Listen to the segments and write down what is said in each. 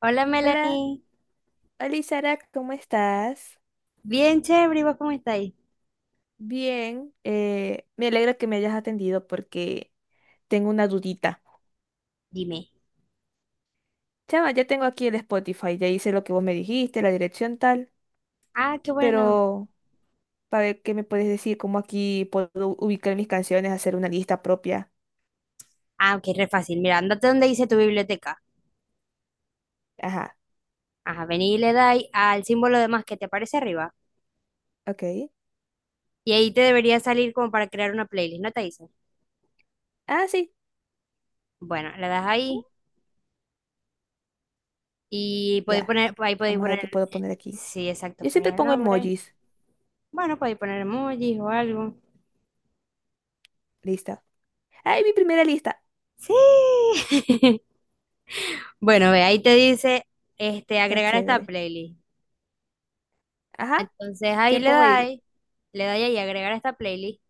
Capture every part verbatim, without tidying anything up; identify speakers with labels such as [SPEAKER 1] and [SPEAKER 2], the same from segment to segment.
[SPEAKER 1] Hola
[SPEAKER 2] Hola,
[SPEAKER 1] Melanie,
[SPEAKER 2] hola Sara, ¿cómo estás?
[SPEAKER 1] bien chévere, ¿y vos cómo estáis?
[SPEAKER 2] Bien, eh, me alegra que me hayas atendido porque tengo una dudita.
[SPEAKER 1] Dime.
[SPEAKER 2] Chama, ya tengo aquí el Spotify, ya hice lo que vos me dijiste, la dirección tal,
[SPEAKER 1] Ah, qué bueno.
[SPEAKER 2] pero para ver qué me puedes decir, cómo aquí puedo ubicar mis canciones, hacer una lista propia.
[SPEAKER 1] Ah, ok, re fácil. Mira, andate donde dice tu biblioteca.
[SPEAKER 2] Ajá,
[SPEAKER 1] Ajá, vení y le dais al símbolo de más que te aparece arriba.
[SPEAKER 2] ok.
[SPEAKER 1] Y ahí te debería salir como para crear una playlist, ¿no te dice?
[SPEAKER 2] Ah, sí.
[SPEAKER 1] Bueno, le das
[SPEAKER 2] Uh,
[SPEAKER 1] ahí y podéis
[SPEAKER 2] ya,
[SPEAKER 1] poner, ahí podéis
[SPEAKER 2] vamos a ver
[SPEAKER 1] poner,
[SPEAKER 2] qué puedo
[SPEAKER 1] eh,
[SPEAKER 2] poner aquí.
[SPEAKER 1] sí, exacto,
[SPEAKER 2] Yo siempre
[SPEAKER 1] poner el
[SPEAKER 2] pongo
[SPEAKER 1] nombre.
[SPEAKER 2] emojis,
[SPEAKER 1] Bueno, podéis poner emojis o algo.
[SPEAKER 2] lista. ¡Ay, mi primera lista!
[SPEAKER 1] Sí. Bueno, ve, ahí te dice, este,
[SPEAKER 2] Está
[SPEAKER 1] agregar a esta
[SPEAKER 2] chévere.
[SPEAKER 1] playlist.
[SPEAKER 2] Ajá,
[SPEAKER 1] Entonces ahí
[SPEAKER 2] ¿qué
[SPEAKER 1] le
[SPEAKER 2] pongo ahí?
[SPEAKER 1] dais, le dais ahí agregar a esta playlist.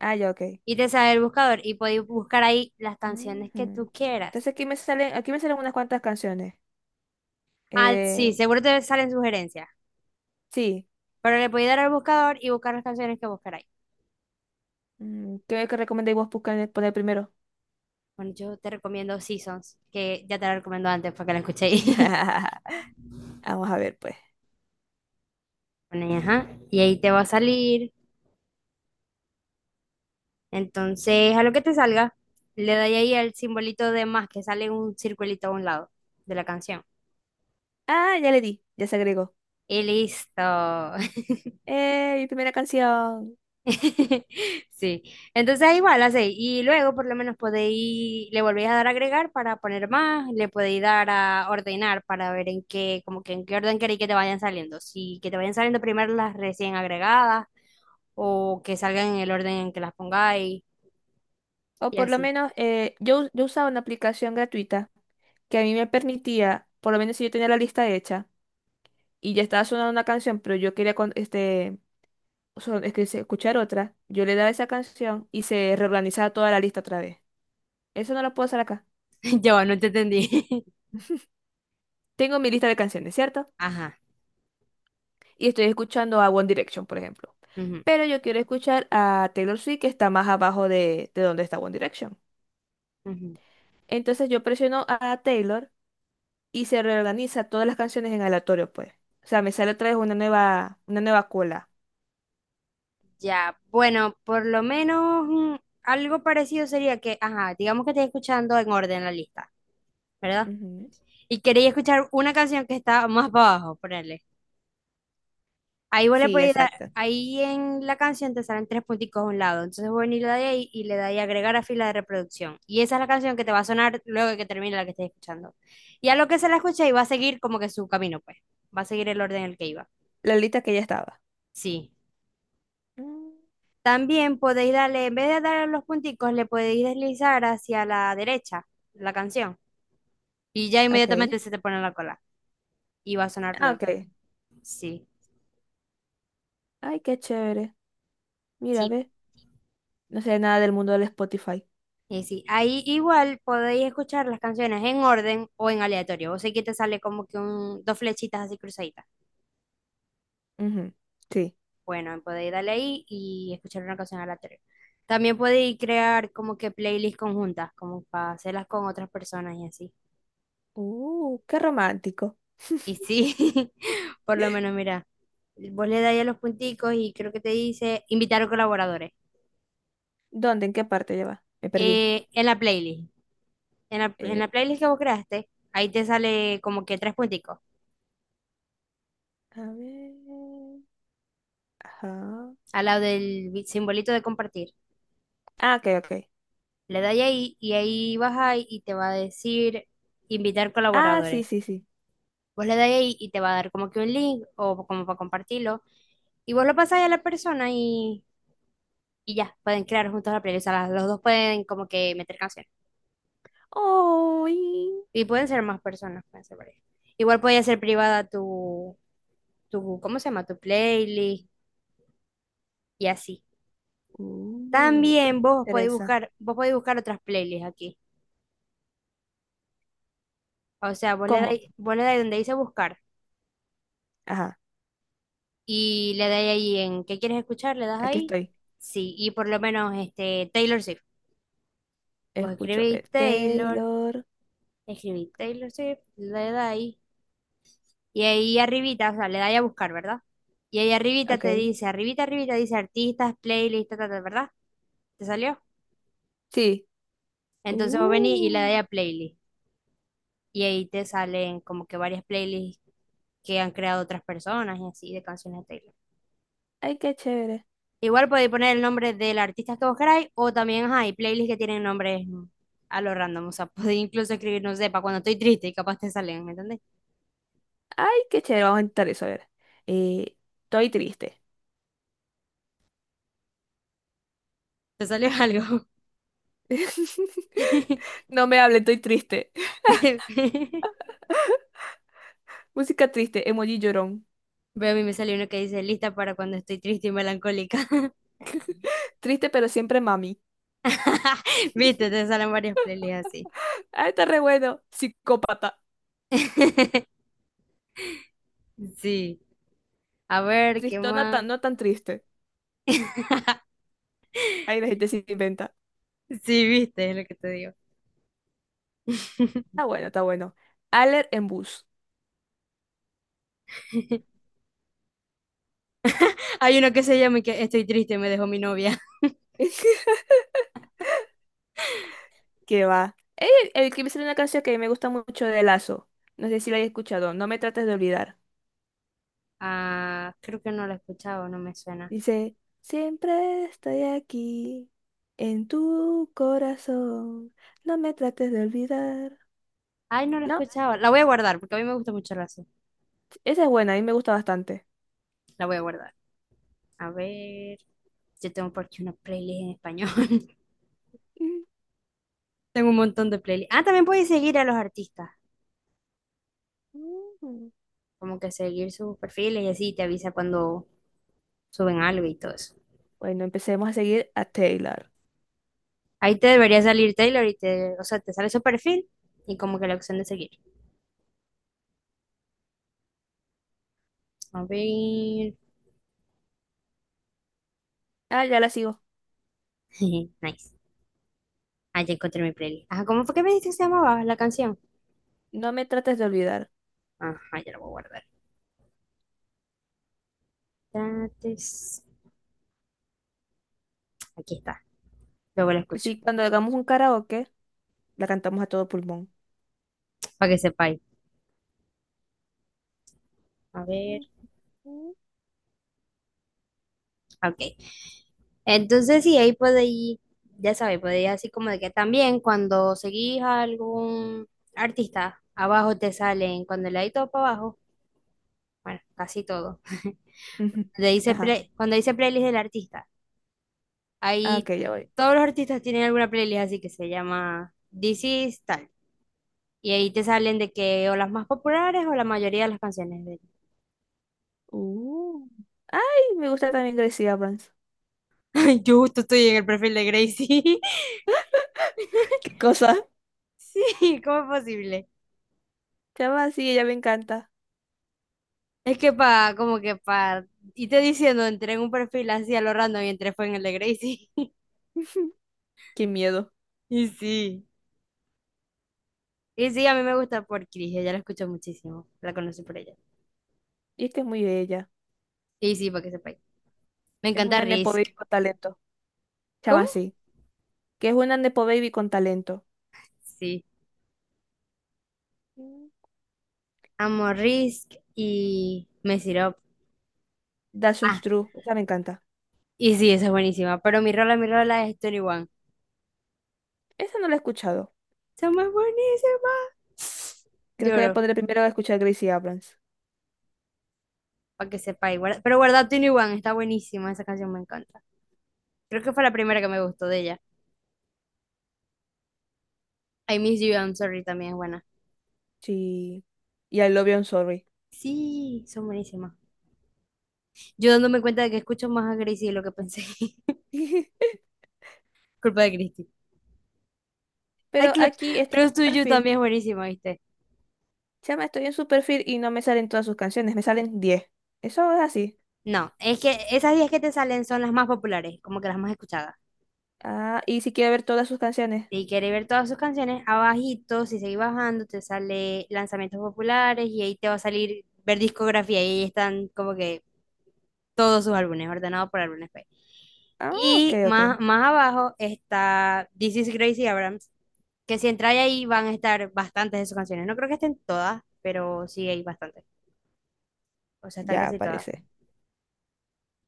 [SPEAKER 2] Ah, ya, ok.
[SPEAKER 1] Y te sale el buscador y podéis buscar ahí las canciones que
[SPEAKER 2] Ujú.
[SPEAKER 1] tú
[SPEAKER 2] Entonces
[SPEAKER 1] quieras.
[SPEAKER 2] aquí me salen, aquí me salen unas cuantas canciones.
[SPEAKER 1] Ah, sí,
[SPEAKER 2] Eh,
[SPEAKER 1] seguro te salen sugerencias,
[SPEAKER 2] sí.
[SPEAKER 1] pero le podéis dar al buscador y buscar las canciones que buscaráis.
[SPEAKER 2] Mm, ¿qué, qué recomendáis vos buscar, poner primero?
[SPEAKER 1] Bueno, yo te recomiendo Seasons, que ya te la recomiendo antes para que la escuchéis.
[SPEAKER 2] Vamos a ver, pues.
[SPEAKER 1] Bueno, y ajá, y ahí te va a salir. Entonces, a lo que te salga, le doy ahí al simbolito de más que sale un circulito a un lado de la canción.
[SPEAKER 2] Ah, ya le di, ya se agregó.
[SPEAKER 1] Y listo.
[SPEAKER 2] Eh, mi primera canción.
[SPEAKER 1] Sí, entonces igual así, y luego por lo menos podéis, le volvéis a dar a agregar para poner más, le podéis dar a ordenar para ver en qué, como que en qué orden queréis que te vayan saliendo, si que te vayan saliendo primero las recién agregadas o que salgan en el orden en que las pongáis
[SPEAKER 2] O
[SPEAKER 1] y
[SPEAKER 2] por lo
[SPEAKER 1] así.
[SPEAKER 2] menos eh, yo, yo usaba una aplicación gratuita que a mí me permitía, por lo menos si yo tenía la lista hecha y ya estaba sonando una canción, pero yo quería con- este, son- es que se- escuchar otra, yo le daba esa canción y se reorganizaba toda la lista otra vez. Eso no lo puedo hacer acá.
[SPEAKER 1] Yo no te entendí.
[SPEAKER 2] Tengo mi lista de canciones, ¿cierto?
[SPEAKER 1] Ajá.
[SPEAKER 2] Y estoy escuchando a One Direction, por ejemplo.
[SPEAKER 1] Ujú,
[SPEAKER 2] Pero yo quiero escuchar a Taylor Swift, que está más abajo de, de donde está One Direction.
[SPEAKER 1] ujú.
[SPEAKER 2] Entonces yo presiono a Taylor y se reorganiza todas las canciones en aleatorio, pues. O sea, me sale otra vez una nueva, una nueva cola.
[SPEAKER 1] Ya, bueno, por lo menos mm, algo parecido sería que, ajá, digamos que estés escuchando en orden la lista, ¿verdad?
[SPEAKER 2] Ujú.
[SPEAKER 1] Y queréis escuchar una canción que está más para abajo, ponele. Ahí vos le
[SPEAKER 2] Sí,
[SPEAKER 1] podéis dar,
[SPEAKER 2] exacto.
[SPEAKER 1] ahí en la canción te salen tres punticos a un lado. Entonces vos venís y le dais ahí y le dais agregar a fila de reproducción. Y esa es la canción que te va a sonar luego de que termine la que estés escuchando. Y a lo que se la escucha y va a seguir como que su camino, pues. Va a seguir el orden en el que iba.
[SPEAKER 2] La lista que ya estaba.
[SPEAKER 1] Sí.
[SPEAKER 2] Mm,
[SPEAKER 1] También podéis darle, en vez de darle los punticos, le podéis deslizar hacia la derecha la canción. Y ya
[SPEAKER 2] ok.
[SPEAKER 1] inmediatamente se te pone en la cola. Y va a sonar
[SPEAKER 2] Ah,
[SPEAKER 1] luego.
[SPEAKER 2] ok.
[SPEAKER 1] Sí.
[SPEAKER 2] Ay, qué chévere. Mira,
[SPEAKER 1] Sí.
[SPEAKER 2] ve. No sé nada del mundo del Spotify.
[SPEAKER 1] Y sí, ahí igual podéis escuchar las canciones en orden o en aleatorio. Vos sé que te sale como que un, dos flechitas así cruzaditas.
[SPEAKER 2] Ujú. Sí.
[SPEAKER 1] Bueno, podéis darle ahí y escuchar una canción aleatoria. También podéis crear como que playlists conjuntas, como para hacerlas con otras personas y así.
[SPEAKER 2] Uh, qué romántico.
[SPEAKER 1] Y sí, por lo menos, mira, vos le dais a los punticos y creo que te dice invitar a colaboradores.
[SPEAKER 2] ¿Dónde? ¿En qué parte lleva? Me perdí.
[SPEAKER 1] Eh, en la playlist, en la, en
[SPEAKER 2] Eh,
[SPEAKER 1] la playlist que vos creaste, ahí te sale como que tres punticos
[SPEAKER 2] a ver. Ajá.
[SPEAKER 1] al lado del simbolito de compartir.
[SPEAKER 2] Ah, ok, ok.
[SPEAKER 1] Le dais ahí y ahí vas ahí y te va a decir invitar
[SPEAKER 2] Ah,
[SPEAKER 1] colaboradores.
[SPEAKER 2] sí, sí, sí.
[SPEAKER 1] Vos le dais ahí y te va a dar como que un link o como para compartirlo. Y vos lo pasáis a la persona y, y ya, pueden crear juntos la playlist. O sea, los dos pueden como que meter canciones.
[SPEAKER 2] ¡Ay!
[SPEAKER 1] Y pueden ser más personas, pueden ser varias. Igual puede ser privada tu, tu, ¿cómo se llama? Tu playlist y así.
[SPEAKER 2] Uh,
[SPEAKER 1] También vos podéis
[SPEAKER 2] Teresa.
[SPEAKER 1] buscar, vos podéis buscar otras playlists aquí. O sea, vos le
[SPEAKER 2] ¿Cómo?
[SPEAKER 1] dais, vos le dais donde dice buscar
[SPEAKER 2] Ajá,
[SPEAKER 1] y le dais ahí en ¿qué quieres escuchar? Le das
[SPEAKER 2] aquí
[SPEAKER 1] ahí.
[SPEAKER 2] estoy.
[SPEAKER 1] Sí, y por lo menos este Taylor Swift. Vos
[SPEAKER 2] Escucho,
[SPEAKER 1] escribís
[SPEAKER 2] eh,
[SPEAKER 1] Taylor,
[SPEAKER 2] Taylor.
[SPEAKER 1] escribís Taylor Swift, le das ahí. Y ahí arribita, o sea, le dais a buscar, ¿verdad? Y ahí arribita
[SPEAKER 2] Ok.
[SPEAKER 1] te dice, arribita, arribita dice artistas, playlist, ta, ta, ta, ¿verdad? ¿Te salió?
[SPEAKER 2] Sí.
[SPEAKER 1] Entonces vos venís y le dais
[SPEAKER 2] Uh,
[SPEAKER 1] a playlist. Y ahí te salen como que varias playlists que han creado otras personas y así de canciones de Taylor.
[SPEAKER 2] ay, qué chévere.
[SPEAKER 1] Igual podéis poner el nombre del artista que vos queráis o también hay playlists que tienen nombres a lo random. O sea, podéis incluso escribir, no sé, para cuando estoy triste y capaz te salen, ¿me entendés?
[SPEAKER 2] Ay, qué chévere. Vamos a intentar eso. A ver. Eh, Estoy triste.
[SPEAKER 1] Te salió algo.
[SPEAKER 2] No me hable, estoy triste. Música triste, emoji llorón.
[SPEAKER 1] Veo a mí me salió uno que dice lista para cuando estoy triste y melancólica.
[SPEAKER 2] Triste, pero siempre mami.
[SPEAKER 1] Viste, te salen varias playlists así.
[SPEAKER 2] Ah, está re bueno. Psicópata.
[SPEAKER 1] Sí. A ver, ¿qué
[SPEAKER 2] Tristona
[SPEAKER 1] más?
[SPEAKER 2] tan, no tan triste. Ahí la gente se inventa.
[SPEAKER 1] Sí, viste, es lo que te digo.
[SPEAKER 2] Está bueno, está bueno. Aller en bus.
[SPEAKER 1] Hay uno que se llama y que estoy triste, me dejó mi novia.
[SPEAKER 2] ¿Qué va? Eh, El, que me sale una canción que me gusta mucho de Lazo. No sé si la hayas escuchado. No me trates de olvidar.
[SPEAKER 1] Ah, creo que no la he escuchado, no me suena.
[SPEAKER 2] Dice, siempre estoy aquí, en tu corazón. No me trates de olvidar.
[SPEAKER 1] Ay, no la he
[SPEAKER 2] No,
[SPEAKER 1] escuchado. La voy a guardar porque a mí me gusta mucho la salsa.
[SPEAKER 2] esa es buena, a mí me gusta bastante.
[SPEAKER 1] La voy a guardar. A ver, yo tengo por aquí una playlist en español.
[SPEAKER 2] Mm.
[SPEAKER 1] Tengo un montón de playlists. Ah, también puedes seguir a los artistas,
[SPEAKER 2] Mm.
[SPEAKER 1] como que seguir sus perfiles y así te avisa cuando suben algo y todo eso.
[SPEAKER 2] Bueno, empecemos a seguir a Taylor.
[SPEAKER 1] Ahí te debería salir Taylor y te, o sea, te sale su perfil y como que la opción de seguir. A ver.
[SPEAKER 2] Ah, ya la sigo.
[SPEAKER 1] Nice. Ah, ya encontré mi playlist. Ajá, ¿cómo fue que me dijiste que se llamaba la canción?
[SPEAKER 2] No me trates de olvidar.
[SPEAKER 1] Ajá, ya la voy a guardar. Tates- Aquí está. Luego la escucho,
[SPEAKER 2] Sí, cuando hagamos un karaoke, la cantamos a todo pulmón.
[SPEAKER 1] para que sepáis. A ver,
[SPEAKER 2] Ujú.
[SPEAKER 1] ok. Entonces, sí, ahí podéis, ya sabéis, podéis así como de que también cuando seguís a algún artista, abajo te salen, cuando le dais todo para abajo, bueno, casi todo.
[SPEAKER 2] Ujú.
[SPEAKER 1] Cuando dice,
[SPEAKER 2] Ajá.
[SPEAKER 1] play- cuando dice playlist del artista,
[SPEAKER 2] Ah,
[SPEAKER 1] ahí
[SPEAKER 2] ok, ya voy.
[SPEAKER 1] todos los artistas tienen alguna playlist así que se llama This is tal. Y ahí te salen de que o las más populares o la mayoría de las canciones de
[SPEAKER 2] Uh. Ay, me gusta también Gracie Abrams.
[SPEAKER 1] él. Yo justo estoy en el perfil de Gracie.
[SPEAKER 2] ¿Qué cosa?
[SPEAKER 1] Sí, ¿cómo es posible?
[SPEAKER 2] Chava, sí, ella me encanta.
[SPEAKER 1] Es que para, como que para, y te diciendo, entré en un perfil así a lo random y entré fue en el de Gracie.
[SPEAKER 2] Qué miedo.
[SPEAKER 1] Y sí. Y sí, a mí me gusta por Chris, ella la escucho muchísimo, la conocí por ella.
[SPEAKER 2] Y es que es muy bella.
[SPEAKER 1] Y sí, para que sepáis. Me
[SPEAKER 2] Es
[SPEAKER 1] encanta
[SPEAKER 2] una nepo
[SPEAKER 1] Risk.
[SPEAKER 2] baby con talento. Chama,
[SPEAKER 1] ¿Cómo?
[SPEAKER 2] sí. Que es una nepo baby con talento.
[SPEAKER 1] Sí.
[SPEAKER 2] Mm.
[SPEAKER 1] Amo Risk y me Up.
[SPEAKER 2] That's so
[SPEAKER 1] Ah,
[SPEAKER 2] true. Esa me encanta.
[SPEAKER 1] y sí, esa es buenísima. Pero mi rola, mi rola es veintiuno.
[SPEAKER 2] Esa no la he escuchado.
[SPEAKER 1] Somos buenísimas.
[SPEAKER 2] Creo que me
[SPEAKER 1] Lloro,
[SPEAKER 2] pondré primero a escuchar Gracie Abrams.
[SPEAKER 1] para que sepáis. Guarda- Pero guarda veintiuno, está buenísima, esa canción me encanta. Creo que fue la primera que me gustó de ella. I Miss You, I'm Sorry también es buena.
[SPEAKER 2] Sí. Y I Love You, I'm Sorry.
[SPEAKER 1] Sí, son buenísimas. Yo dándome cuenta de que escucho más a Gracie de lo que pensé. Culpa de Christy. Ay,
[SPEAKER 2] Pero
[SPEAKER 1] Clo-
[SPEAKER 2] aquí este
[SPEAKER 1] Close
[SPEAKER 2] es tu
[SPEAKER 1] to You
[SPEAKER 2] perfil.
[SPEAKER 1] también es buenísima, ¿viste?
[SPEAKER 2] Chama, estoy en su perfil y no me salen todas sus canciones, me salen diez. Eso es así.
[SPEAKER 1] No, es que esas diez que te salen son las más populares, como que las más escuchadas.
[SPEAKER 2] Ah, y si quiero ver todas sus canciones.
[SPEAKER 1] Si quieres ver todas sus canciones, abajito, si seguís bajando, te sale lanzamientos populares y ahí te va a salir ver discografía y ahí están como que todos sus álbumes, ordenados por álbumes, pues.
[SPEAKER 2] Ah, ok,
[SPEAKER 1] Y
[SPEAKER 2] ok.
[SPEAKER 1] más, más abajo está This is Gracie Abrams, que si entráis ahí van a estar bastantes de sus canciones. No creo que estén todas, pero sí hay bastantes. O sea, están
[SPEAKER 2] Ya
[SPEAKER 1] casi todas.
[SPEAKER 2] aparece.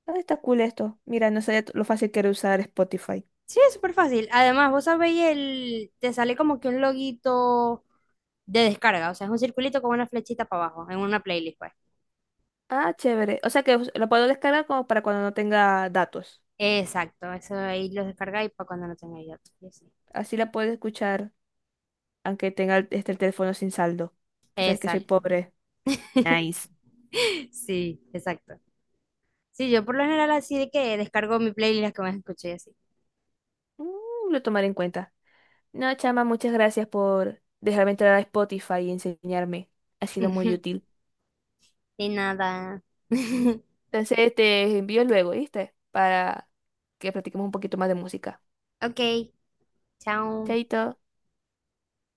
[SPEAKER 2] Ah, está cool esto. Mira, no sé lo fácil que era usar Spotify.
[SPEAKER 1] Sí, es súper fácil. Además, vos sabéis, el, te sale como que un loguito de descarga. O sea, es un circulito con una flechita para abajo, en una playlist, pues.
[SPEAKER 2] Ah, chévere. O sea que us- lo puedo descargar como para cuando no tenga datos.
[SPEAKER 1] Exacto, eso ahí lo descargáis para cuando no tengáis otro y así.
[SPEAKER 2] Así la puedo escuchar, aunque tenga el- este, el teléfono sin saldo. Tú sabes que soy
[SPEAKER 1] Exacto.
[SPEAKER 2] pobre. Nice.
[SPEAKER 1] Sí, exacto. Sí, yo por lo general así de que descargo mi playlist las que más escuché y así.
[SPEAKER 2] Mm, lo tomaré en cuenta. No, chama, muchas gracias por dejarme entrar a Spotify y enseñarme. Ha sido muy útil.
[SPEAKER 1] Y nada.
[SPEAKER 2] Entonces te envío luego, ¿viste? Para que practiquemos un poquito más de música.
[SPEAKER 1] Ok, chao.
[SPEAKER 2] Chaito.